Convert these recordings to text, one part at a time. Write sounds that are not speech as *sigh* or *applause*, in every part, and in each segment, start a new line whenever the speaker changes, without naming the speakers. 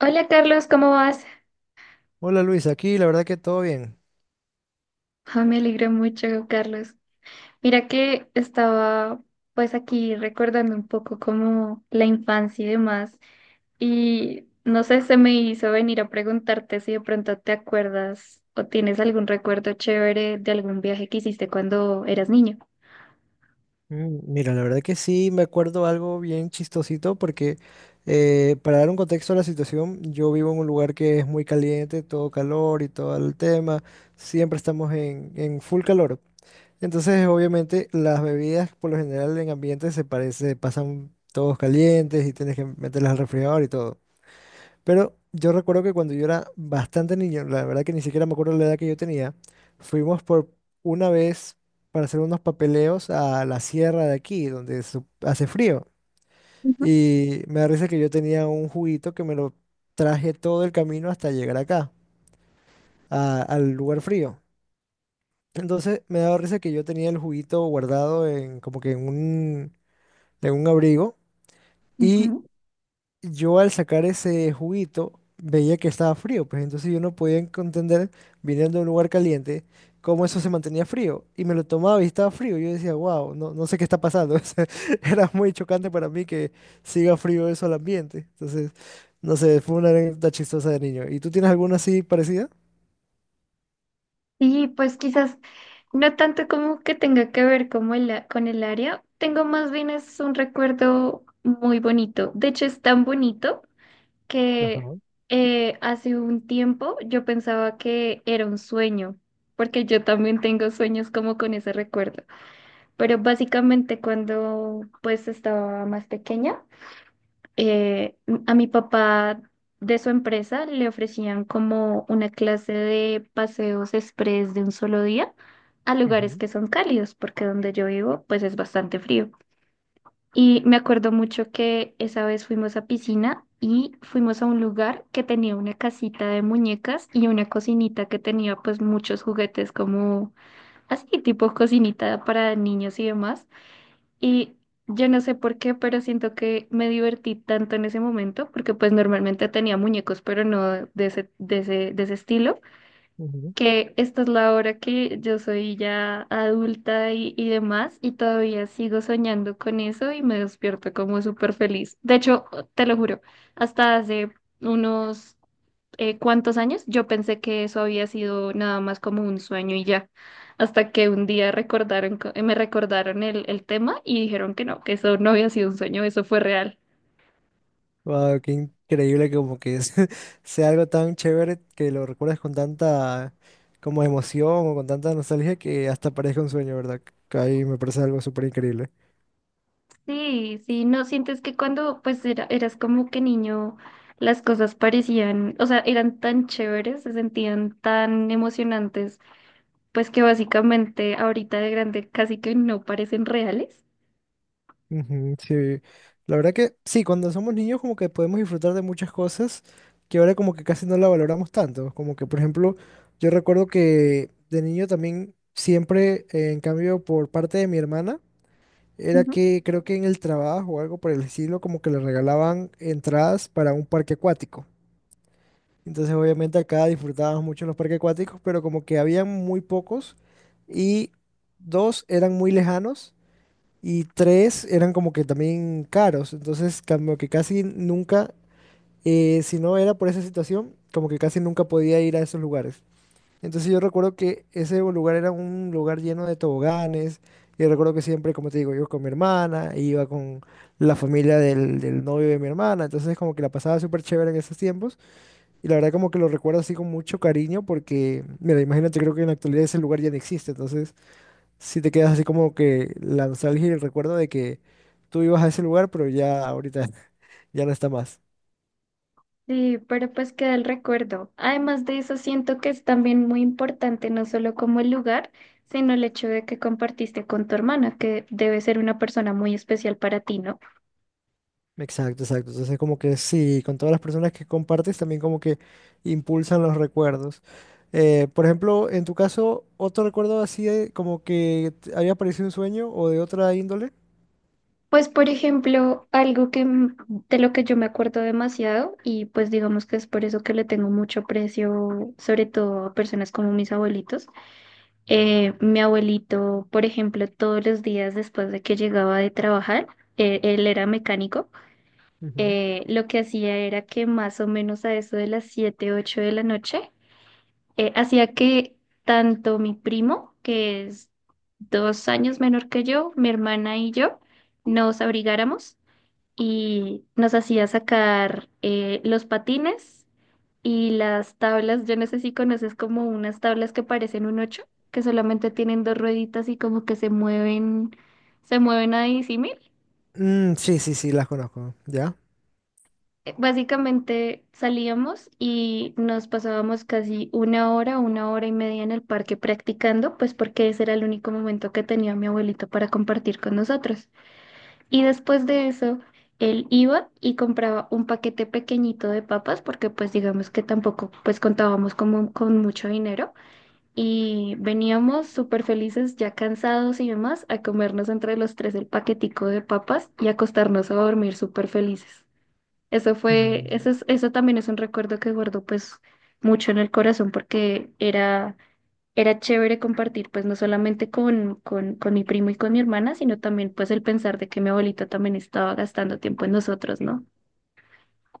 Hola Carlos, ¿cómo vas?
Hola Luis, aquí la verdad que todo bien.
Ah, me alegro mucho, Carlos. Mira que estaba pues aquí recordando un poco como la infancia y demás. Y no sé, se me hizo venir a preguntarte si de pronto te acuerdas o tienes algún recuerdo chévere de algún viaje que hiciste cuando eras niño.
Mm, mira, la verdad que sí me acuerdo algo bien chistosito porque para dar un contexto a la situación, yo vivo en un lugar que es muy caliente, todo calor y todo el tema, siempre estamos en full calor. Entonces, obviamente, las bebidas por lo general en ambientes se parece, pasan todos calientes y tienes que meterlas al refrigerador y todo. Pero yo recuerdo que cuando yo era bastante niño, la verdad que ni siquiera me acuerdo la edad que yo tenía, fuimos por una vez para hacer unos papeleos a la sierra de aquí, donde hace frío.
Ujú,
Y me da risa que yo tenía un juguito que me lo traje todo el camino hasta llegar acá, al lugar frío. Entonces me daba risa que yo tenía el juguito guardado en como que en un abrigo. Y
ujú.
yo al sacar ese juguito veía que estaba frío, pues entonces yo no podía entender, viniendo de un lugar caliente, cómo eso se mantenía frío. Y me lo tomaba y estaba frío. Yo decía, wow, no, no sé qué está pasando. *laughs* O sea, era muy chocante para mí que siga frío eso al ambiente. Entonces, no sé, fue una anécdota chistosa de niño. ¿Y tú tienes alguna así parecida?
Y pues quizás no tanto como que tenga que ver como el con el área, tengo más bien es un recuerdo muy bonito. De hecho, es tan bonito
Ajá.
que hace un tiempo yo pensaba que era un sueño, porque yo también tengo sueños como con ese recuerdo. Pero básicamente cuando pues estaba más pequeña, eh, a mi papá de su empresa le ofrecían como una clase de paseos express de un solo día a lugares
Ujú.
que son cálidos, porque donde yo vivo pues es bastante frío. Y me acuerdo mucho que esa vez fuimos a piscina y fuimos a un lugar que tenía una casita de muñecas y una cocinita que tenía pues muchos juguetes como así, tipo cocinita para niños y demás. Y yo no sé por qué, pero siento que me divertí tanto en ese momento porque pues normalmente tenía muñecos, pero no de ese, de ese estilo,
Ujú.
que esta es la hora que yo soy ya adulta y demás, y todavía sigo soñando con eso y me despierto como súper feliz. De hecho, oh, te lo juro, hasta hace unos cuantos años yo pensé que eso había sido nada más como un sueño y ya, hasta que un día me recordaron el tema y dijeron que no, que eso no había sido un sueño, eso fue real.
Wow, qué increíble que como que *laughs* sea algo tan chévere que lo recuerdas con tanta como emoción o con tanta nostalgia que hasta parezca un sueño, ¿verdad? Que ahí me parece algo súper increíble.
Sí, sí, no sientes que cuando pues eras como que niño las cosas parecían, o sea, eran tan chéveres, se sentían tan emocionantes, pues que básicamente ahorita de grande casi que no parecen reales.
Ujú, sí, la verdad que sí, cuando somos niños como que podemos disfrutar de muchas cosas que ahora como que casi no la valoramos tanto. Como que, por ejemplo, yo recuerdo que de niño también siempre, en cambio, por parte de mi hermana, era
Ujú.
que creo que en el trabajo o algo por el estilo, como que le regalaban entradas para un parque acuático. Entonces, obviamente acá disfrutábamos mucho los parques acuáticos, pero como que habían muy pocos y dos eran muy lejanos y tres eran como que también caros. Entonces, como que casi nunca, si no era por esa situación, como que casi nunca podía ir a esos lugares. Entonces yo recuerdo que ese lugar era un lugar lleno de toboganes. Y recuerdo que siempre, como te digo, yo con mi hermana, e iba con la familia del novio de mi hermana. Entonces como que la pasaba súper chévere en esos tiempos. Y la verdad como que lo recuerdo así con mucho cariño porque, mira, imagínate, creo que en la actualidad ese lugar ya no existe. Entonces sí te quedas así como que la nostalgia y el recuerdo de que tú ibas a ese lugar, pero ya ahorita *laughs* ya no está más.
Sí, pero pues queda el recuerdo. Además de eso, siento que es también muy importante no solo como el lugar, sino el hecho de que compartiste con tu hermana, que debe ser una persona muy especial para ti, ¿no?
Exacto, exacto. Entonces, como que sí, con todas las personas que compartes, también como que impulsan los recuerdos. Por ejemplo, en tu caso, ¿otro recuerdo así como que te había aparecido un sueño o de otra índole?
Pues, por ejemplo, de lo que yo me acuerdo demasiado y pues digamos que es por eso que le tengo mucho aprecio, sobre todo a personas como mis abuelitos. Mi abuelito, por ejemplo, todos los días después de que llegaba de trabajar, él era mecánico,
Ujú.
lo que hacía era que más o menos a eso de las 7 8 de la noche, hacía que tanto mi primo, que es dos años menor que yo, mi hermana y yo, nos abrigáramos y nos hacía sacar los patines y las tablas. Yo no sé si conoces como unas tablas que parecen un ocho, que solamente tienen dos rueditas y como que se mueven a disímil.
Mm, sí, sí, sí, las conozco. ¿Ya?
Básicamente salíamos y nos pasábamos casi una hora y media en el parque practicando, pues porque ese era el único momento que tenía mi abuelito para compartir con nosotros. Y después de eso, él iba y compraba un paquete pequeñito de papas, porque pues digamos que tampoco pues contábamos como con mucho dinero. Y veníamos súper felices, ya cansados y demás, a comernos entre los tres el paquetico de papas y acostarnos a dormir súper felices. Eso fue,
Mm.
eso también es un recuerdo que guardo pues mucho en el corazón porque era, era chévere compartir, pues no solamente con mi primo y con mi hermana, sino también pues el pensar de que mi abuelita también estaba gastando tiempo en nosotros, ¿no?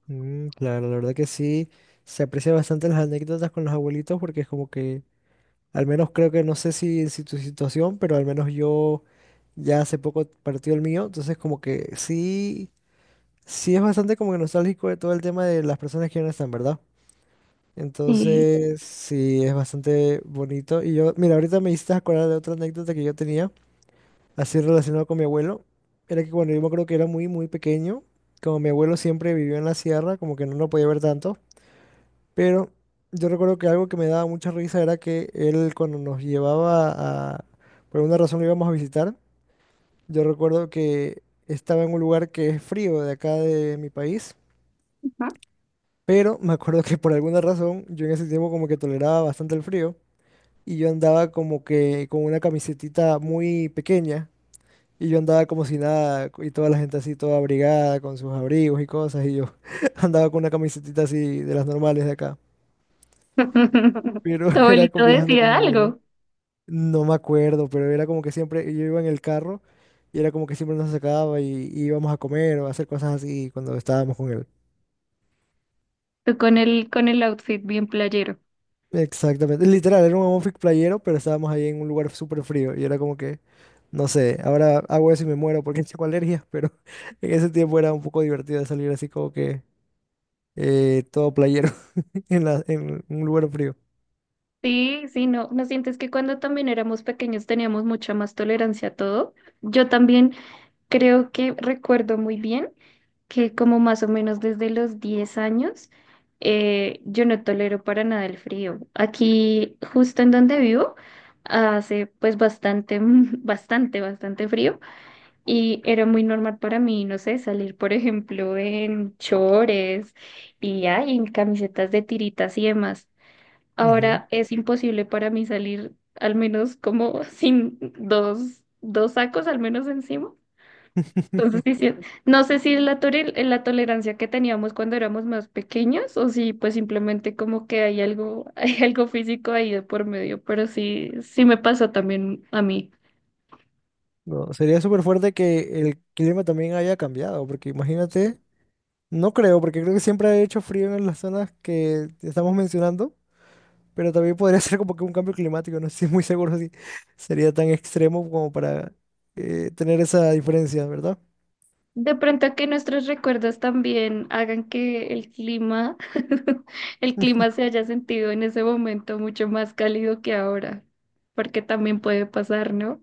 Mm, claro, la verdad que sí, se aprecia bastante las anécdotas con los abuelitos porque es como que, al menos creo que no sé si tu situación, pero al menos yo ya hace poco partió el mío, entonces como que sí. Sí, es bastante como que nostálgico de todo el tema de las personas que ya no están, ¿verdad?
Eh,
Entonces, sí, es bastante bonito. Y yo, mira, ahorita me hiciste acordar de otra anécdota que yo tenía, así relacionado con mi abuelo. Era que cuando yo me acuerdo que era muy, muy pequeño, como mi abuelo siempre vivió en la sierra, como que no lo podía ver tanto. Pero yo recuerdo que algo que me daba mucha risa era que él cuando nos llevaba a, por alguna razón lo íbamos a visitar, yo recuerdo que estaba en un lugar que es frío de acá de mi país.
Ujú.
Pero me acuerdo que por alguna razón yo en ese tiempo como que toleraba bastante el frío y yo andaba como que con una camisetita muy pequeña y yo andaba como si nada y toda la gente así toda abrigada con sus abrigos y cosas y yo *laughs* andaba con una camisetita así de las normales de acá.
*laughs*
Pero
Tu
*laughs* era
abuelito
viajando con mi
decía
abuelo.
algo,
No me acuerdo, pero era como que siempre yo iba en el carro y era como que siempre nos sacaba y íbamos a comer o a hacer cosas así cuando estábamos con él.
tú con el outfit bien playero.
Exactamente, literal, era un amorfic playero, pero estábamos ahí en un lugar súper frío y era como que, no sé, ahora hago eso y me muero porque *laughs* tengo alergias, pero *laughs* en ese tiempo era un poco divertido salir así como que todo playero *laughs* en en un lugar frío.
Sí, sí, no, ¿no sientes que cuando también éramos pequeños teníamos mucha más tolerancia a todo? Yo también. Creo que recuerdo muy bien que como más o menos desde los 10 años, yo no tolero para nada el frío. Aquí, justo en donde vivo, hace pues bastante, *laughs* bastante, bastante frío y era muy normal para mí, no sé, salir, por ejemplo, en chores y ay, en camisetas de tiritas y demás.
Ujú.
Ahora es imposible para mí salir al menos como *laughs* sin dos sacos al menos encima. Entonces, sí,
*laughs*
sí, no sé si es la tolerancia que teníamos cuando éramos más pequeños o si pues simplemente como que hay algo, *laughs* hay algo físico ahí de por medio, pero sí, sí me pasó también a mí.
No, sería súper fuerte que el clima también haya cambiado, porque imagínate, no creo, porque creo que siempre ha hecho frío en las zonas que estamos mencionando, pero también podría *laughs* ser como que un cambio climático, no estoy muy seguro si sería tan extremo como para tener esa diferencia, ¿verdad?
De pronto que nuestros recuerdos también hagan que el clima, *laughs* el clima se haya sentido en ese momento mucho más cálido que ahora, porque también puede pasar, ¿no?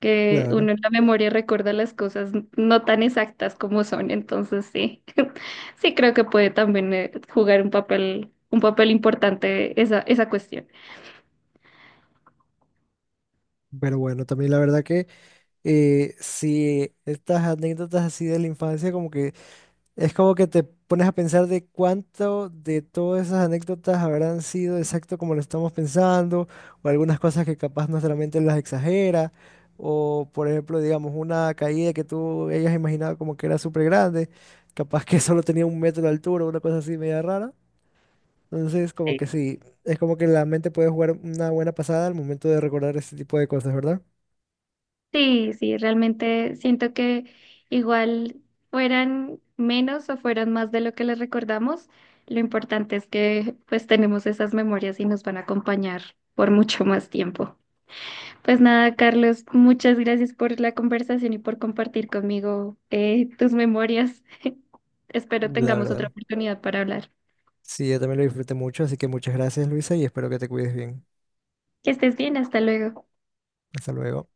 Que uno
Claro.
en la memoria recuerda las cosas no tan exactas como son, entonces sí, *laughs* sí creo que puede también jugar un papel importante esa, esa cuestión.
Pero bueno, también la verdad que si estas anécdotas así de la infancia como que es como que te pones a pensar de cuánto de todas esas anécdotas habrán sido exacto como lo estamos pensando, o algunas cosas que capaz nuestra mente las exagera, o por ejemplo, digamos, una caída que tú hayas imaginado como que era súper grande, capaz que *laughs* solo tenía un metro de altura, una cosa así media rara. Entonces, como que
Sí.
sí, es como que la mente puede jugar una buena pasada al momento de recordar ese tipo de cosas, ¿verdad?
Sí, sí, realmente siento que igual fueran menos o fueran más de lo que les recordamos, lo importante es que pues tenemos esas memorias y nos van a acompañar por mucho más tiempo. Pues nada, Carlos, muchas gracias por la conversación y por compartir conmigo tus memorias. *laughs* Espero
La
tengamos otra
verdad.
oportunidad para hablar.
Sí, yo también lo disfruté mucho, así que muchas gracias, Luisa, y espero que te cuides bien.
Que estés bien, hasta luego.
Hasta luego.